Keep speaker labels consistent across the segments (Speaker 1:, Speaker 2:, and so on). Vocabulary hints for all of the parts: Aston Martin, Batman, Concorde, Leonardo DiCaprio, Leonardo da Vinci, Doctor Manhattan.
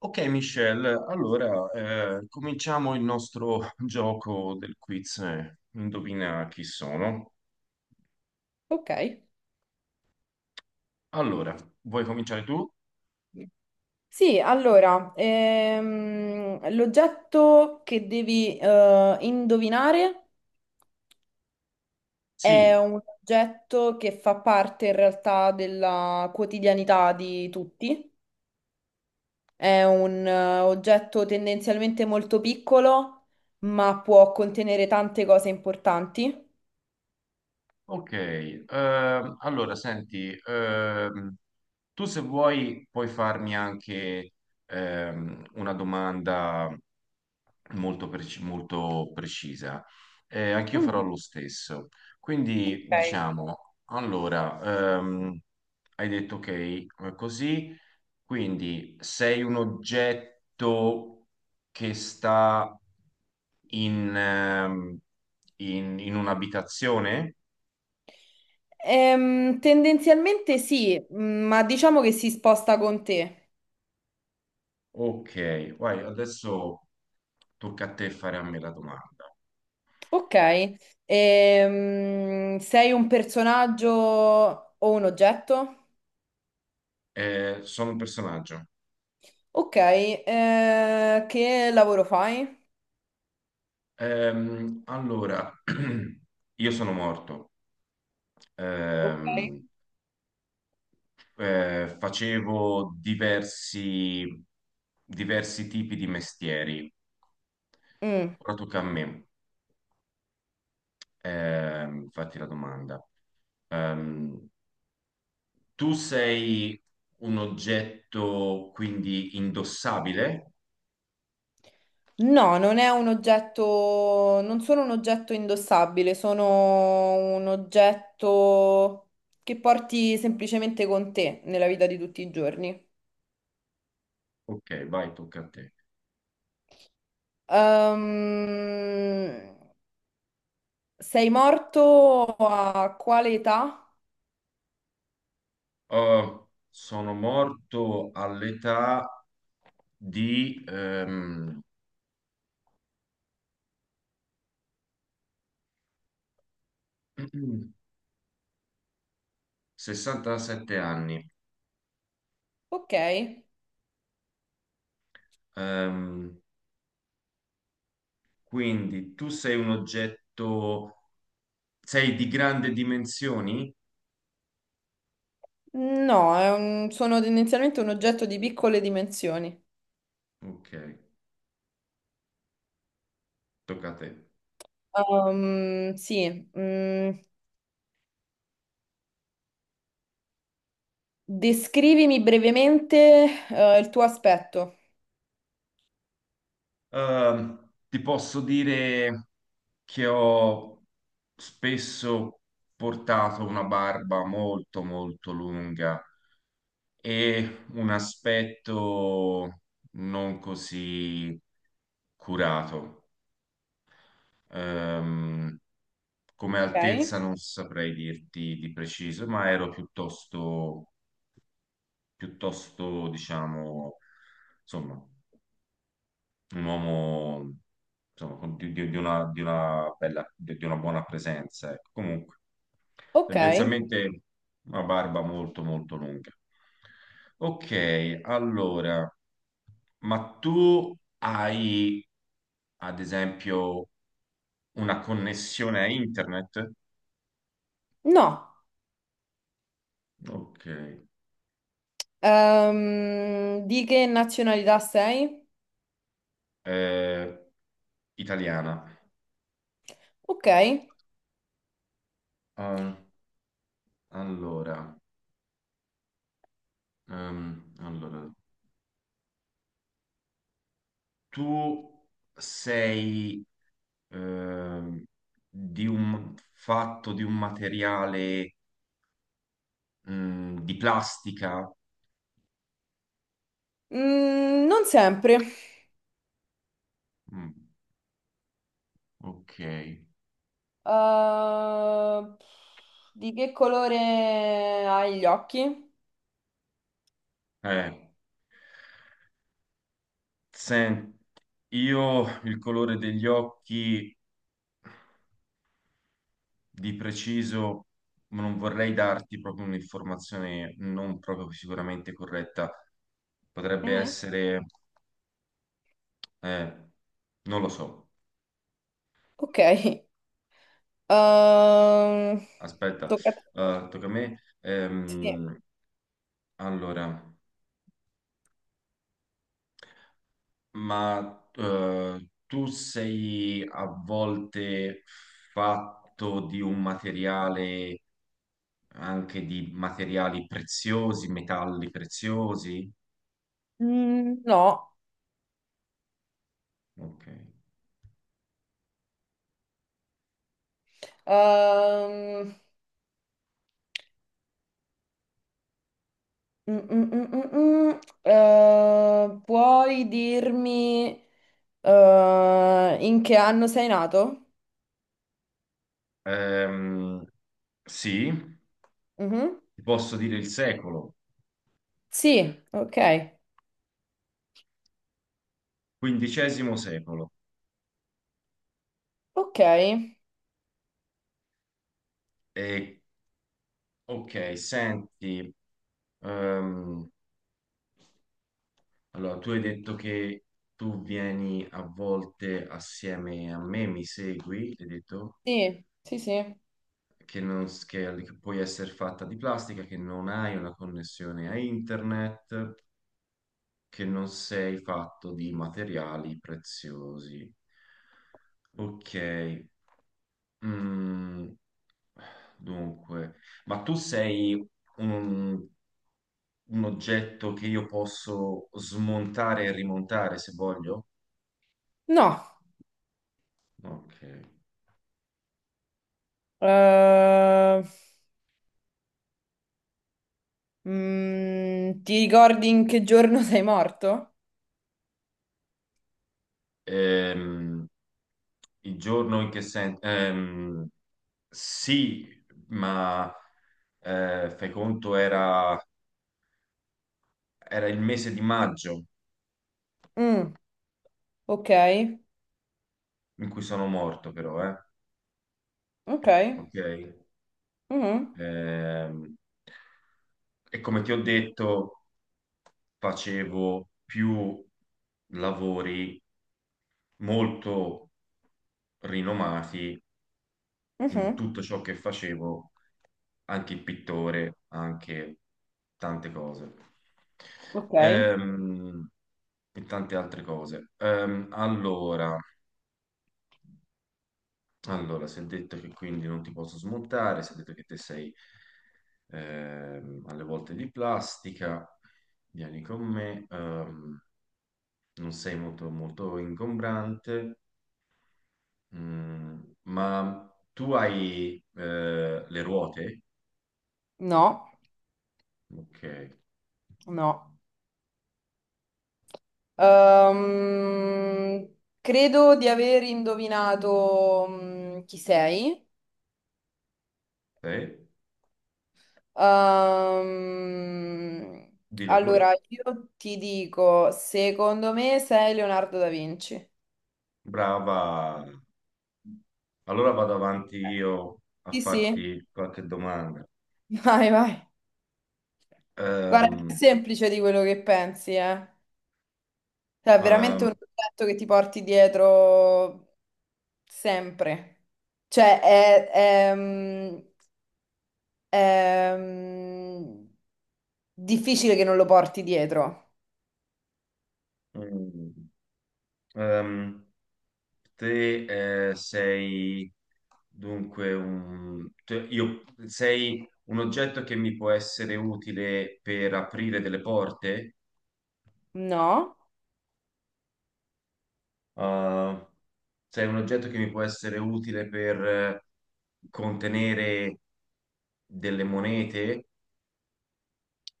Speaker 1: Ok, Michelle, allora cominciamo il nostro gioco del quiz. Indovina chi sono.
Speaker 2: Ok.
Speaker 1: Allora, vuoi cominciare tu?
Speaker 2: Sì, allora, l'oggetto che devi indovinare è
Speaker 1: Sì.
Speaker 2: un oggetto che fa parte in realtà della quotidianità di tutti. È un oggetto tendenzialmente molto piccolo, ma può contenere tante cose importanti.
Speaker 1: Ok, allora senti, tu se vuoi puoi farmi anche una domanda molto, molto precisa. Anch'io farò
Speaker 2: Mm.
Speaker 1: lo stesso. Quindi
Speaker 2: Ok.
Speaker 1: diciamo, allora, hai detto ok, così, quindi sei un oggetto che sta in, ehm, in un'abitazione?
Speaker 2: Tendenzialmente sì, mm, ma diciamo che si sposta con te.
Speaker 1: Ok, vai, adesso tocca a te fare a me la domanda.
Speaker 2: Ok, sei un personaggio o un oggetto?
Speaker 1: Sono un personaggio.
Speaker 2: Ok, che lavoro fai?
Speaker 1: Allora, io sono morto.
Speaker 2: Ok.
Speaker 1: Ehm, facevo diversi tipi di mestieri.
Speaker 2: Mm.
Speaker 1: Ora tocca a me. Fatti la domanda. Ehm, Tu sei un oggetto quindi indossabile?
Speaker 2: No, non è un oggetto, non sono un oggetto indossabile, sono un oggetto che porti semplicemente con te nella vita di tutti i giorni.
Speaker 1: Ok, vai, tocca a te.
Speaker 2: Ehm, sei morto a quale età?
Speaker 1: Sono morto all'età di 67 anni.
Speaker 2: Ok.
Speaker 1: Ehm, quindi tu sei un oggetto, sei di grandi dimensioni?
Speaker 2: No, è un- sono tendenzialmente un oggetto di piccole dimensioni.
Speaker 1: Ok, tocca a te.
Speaker 2: Sì, mm, descrivimi brevemente, il tuo aspetto.
Speaker 1: Ti posso dire che ho spesso portato una barba molto molto lunga e un aspetto non così curato. Ehm, Come
Speaker 2: Ok,
Speaker 1: altezza non saprei dirti di preciso, ma ero piuttosto, piuttosto, diciamo, insomma, un uomo insomma, di una bella, di una buona presenza, ecco. Comunque,
Speaker 2: ok.
Speaker 1: tendenzialmente una barba molto, molto lunga. Ok, allora. Ma tu hai, ad esempio, una connessione a internet?
Speaker 2: No.
Speaker 1: Ok.
Speaker 2: Di che nazionalità sei?
Speaker 1: Eh, italiana.
Speaker 2: Ok.
Speaker 1: Ah, allora, allora, tu sei ehm, di un fatto di un materiale di plastica?
Speaker 2: Mm, non sempre.
Speaker 1: Mm, ok.
Speaker 2: Eh, di che colore hai gli occhi?
Speaker 1: Eh, sen- io il colore degli occhi di preciso, ma non vorrei darti proprio un'informazione non proprio sicuramente corretta. Potrebbe
Speaker 2: Mm.
Speaker 1: essere, eh, non lo so.
Speaker 2: Ok, ehm,
Speaker 1: Aspetta,
Speaker 2: tocca a te.
Speaker 1: tocca a me.
Speaker 2: Sì.
Speaker 1: Allora, ma tu sei a volte fatto di un materiale, anche di materiali preziosi, metalli preziosi?
Speaker 2: Mm, no.
Speaker 1: Ok.
Speaker 2: Ehm, mm, mm, mm, mm, mm. Puoi dirmi in che anno sei nato?
Speaker 1: Ehm, sì,
Speaker 2: Mhm.
Speaker 1: ti posso dire il secolo,
Speaker 2: Sì, ok.
Speaker 1: quindicesimo secolo.
Speaker 2: Ok,
Speaker 1: E, ok, senti, ehm, allora tu hai detto che tu vieni a volte assieme a me, mi segui, hai detto
Speaker 2: sì, sì, sì.
Speaker 1: che, non, s- che puoi essere fatta di plastica, che non hai una connessione a internet, che non sei fatto di materiali preziosi. Ok. Mm. Dunque, ma tu sei un, un oggetto che io posso smontare e rimontare se voglio?
Speaker 2: No.
Speaker 1: Ok.
Speaker 2: Eh, mm, ti ricordi in che giorno sei morto?
Speaker 1: Ehm, il giorno in che senso? Sì, ma eh, fai conto era, era il mese di maggio
Speaker 2: Mm, ok,
Speaker 1: in cui sono morto, però, eh?
Speaker 2: ok.
Speaker 1: Ok.
Speaker 2: Mhm,
Speaker 1: Ehm, e come ti ho detto, facevo più lavori molto rinomati in
Speaker 2: mhm.
Speaker 1: tutto ciò che facevo, anche il pittore, anche tante cose.
Speaker 2: Ok.
Speaker 1: Ehm, e tante altre cose. Allora, allora, si è detto che quindi non ti posso smontare, si è detto che te sei alle volte di plastica, vieni con me, non sei molto, molto ingombrante. Mm, ma tu hai le ruote?
Speaker 2: No,
Speaker 1: Ok,
Speaker 2: no. Ehm, credo di aver indovinato mm, chi sei.
Speaker 1: sì,
Speaker 2: Ehm,
Speaker 1: dillo pure.
Speaker 2: allora, io ti dico, secondo me sei Leonardo da Vinci. Eh.
Speaker 1: Brava. Allora vado avanti io a
Speaker 2: Sì, sì,
Speaker 1: farti qualche domanda.
Speaker 2: vai, vai. Guarda, è più
Speaker 1: Ehm,
Speaker 2: semplice di quello che pensi, eh. Cioè, è veramente un
Speaker 1: ehm,
Speaker 2: oggetto che ti porti dietro sempre. Cioè, è, è, mm, è, mm, Difficile che non lo porti dietro.
Speaker 1: mm, ehm, Te sei dunque sei un oggetto che mi può essere utile per aprire delle porte?
Speaker 2: No?
Speaker 1: Uh, sei un oggetto che mi può essere utile per contenere delle monete,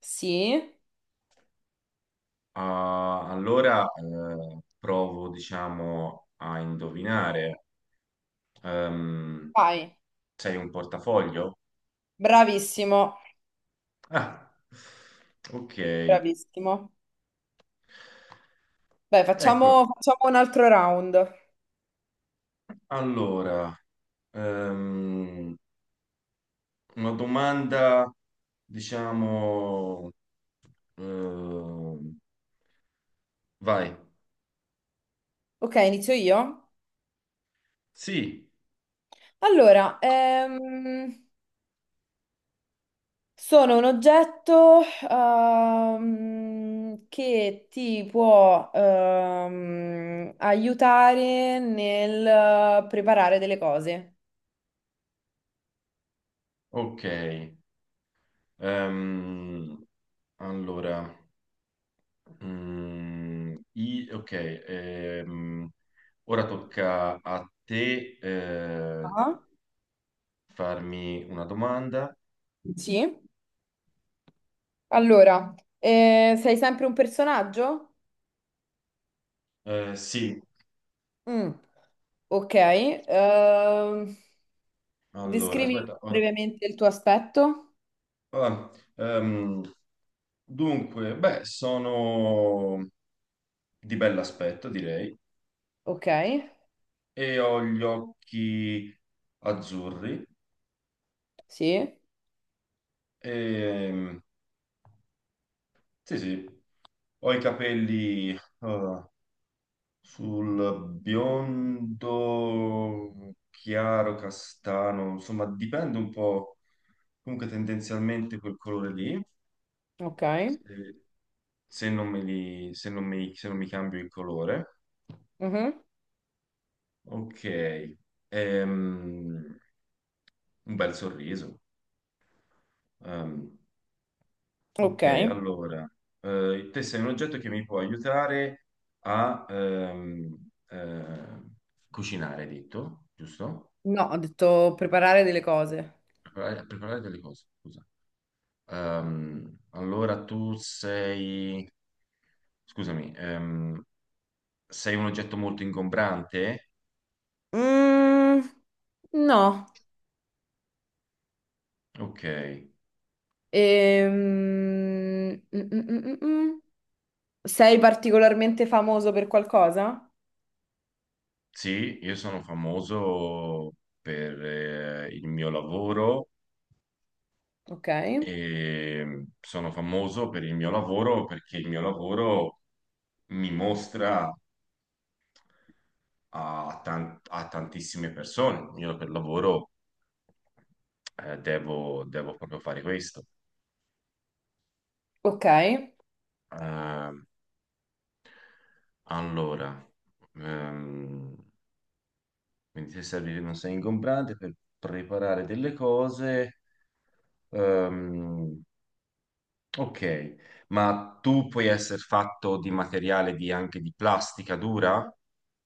Speaker 2: Sì?
Speaker 1: ah, allora provo, diciamo, a indovinare. Ehm,
Speaker 2: Vai.
Speaker 1: Sei un portafoglio?
Speaker 2: Bravissimo,
Speaker 1: Ah, ok.
Speaker 2: bravissimo. Beh,
Speaker 1: Ecco,
Speaker 2: facciamo un altro round.
Speaker 1: allora, ehm, una domanda, diciamo, ehm, vai.
Speaker 2: Ok, inizio io.
Speaker 1: Sì,
Speaker 2: Allora, sono un oggetto che ti può aiutare nel preparare delle cose.
Speaker 1: ok. Ehm, allora, ok, ora tocca a te
Speaker 2: Ah.
Speaker 1: farmi una domanda.
Speaker 2: Sì. Allora, sei sempre un personaggio?
Speaker 1: Sì,
Speaker 2: Mm. Ok,
Speaker 1: allora,
Speaker 2: descrivi
Speaker 1: aspetta.
Speaker 2: brevemente il tuo aspetto.
Speaker 1: Ah, ehm, Dunque, beh, sono di bell'aspetto, direi,
Speaker 2: Ok,
Speaker 1: e ho gli occhi azzurri.
Speaker 2: sì,
Speaker 1: E, sì, sì, ho i capelli... eh, sul biondo chiaro, castano, insomma, dipende un po', comunque tendenzialmente quel colore lì,
Speaker 2: ok,
Speaker 1: se, se non me li, se non mi, se non mi cambio il colore.
Speaker 2: mhm.
Speaker 1: Ok. Ehm, un bel sorriso. Ehm,
Speaker 2: Ok.
Speaker 1: ok, allora, te sei un oggetto che mi può aiutare a cucinare, hai detto, giusto?
Speaker 2: No, ho detto preparare delle cose.
Speaker 1: Preparare, a preparare delle cose, scusa. Allora tu sei, scusami, sei un oggetto molto ingombrante?
Speaker 2: Mm, no.
Speaker 1: Ok,
Speaker 2: Ehm, mm. Sei particolarmente famoso per qualcosa?
Speaker 1: sì, io sono famoso per il mio lavoro
Speaker 2: Ok,
Speaker 1: e sono famoso per il mio lavoro perché il mio lavoro mi mostra a tantissime persone. Io per lavoro devo, devo proprio fare questo.
Speaker 2: ok.
Speaker 1: Ehm, allora, ehm, quindi se serve non sei ingombrante per preparare delle cose. ehm, ok, ma tu puoi essere fatto di materiale anche di plastica dura?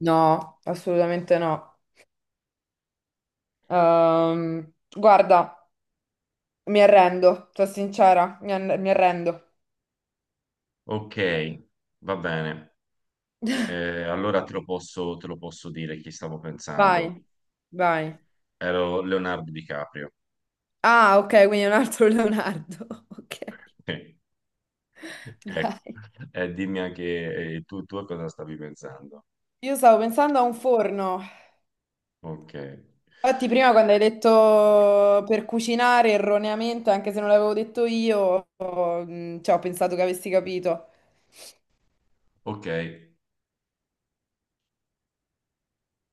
Speaker 2: No, assolutamente no. Guarda, mi arrendo, sono sincera, mi arrendo.
Speaker 1: Ok, va bene. Allora te lo posso dire chi stavo pensando.
Speaker 2: Vai, vai.
Speaker 1: Ero Leonardo DiCaprio.
Speaker 2: Ah, ok, quindi è un altro Leonardo. Ok,
Speaker 1: Ecco.
Speaker 2: dai.
Speaker 1: Dimmi anche tu a cosa stavi pensando.
Speaker 2: Io stavo pensando a un forno.
Speaker 1: Ok.
Speaker 2: Infatti, prima quando hai detto per cucinare erroneamente, anche se non l'avevo detto io, cioè, ho pensato che avessi capito.
Speaker 1: Ok.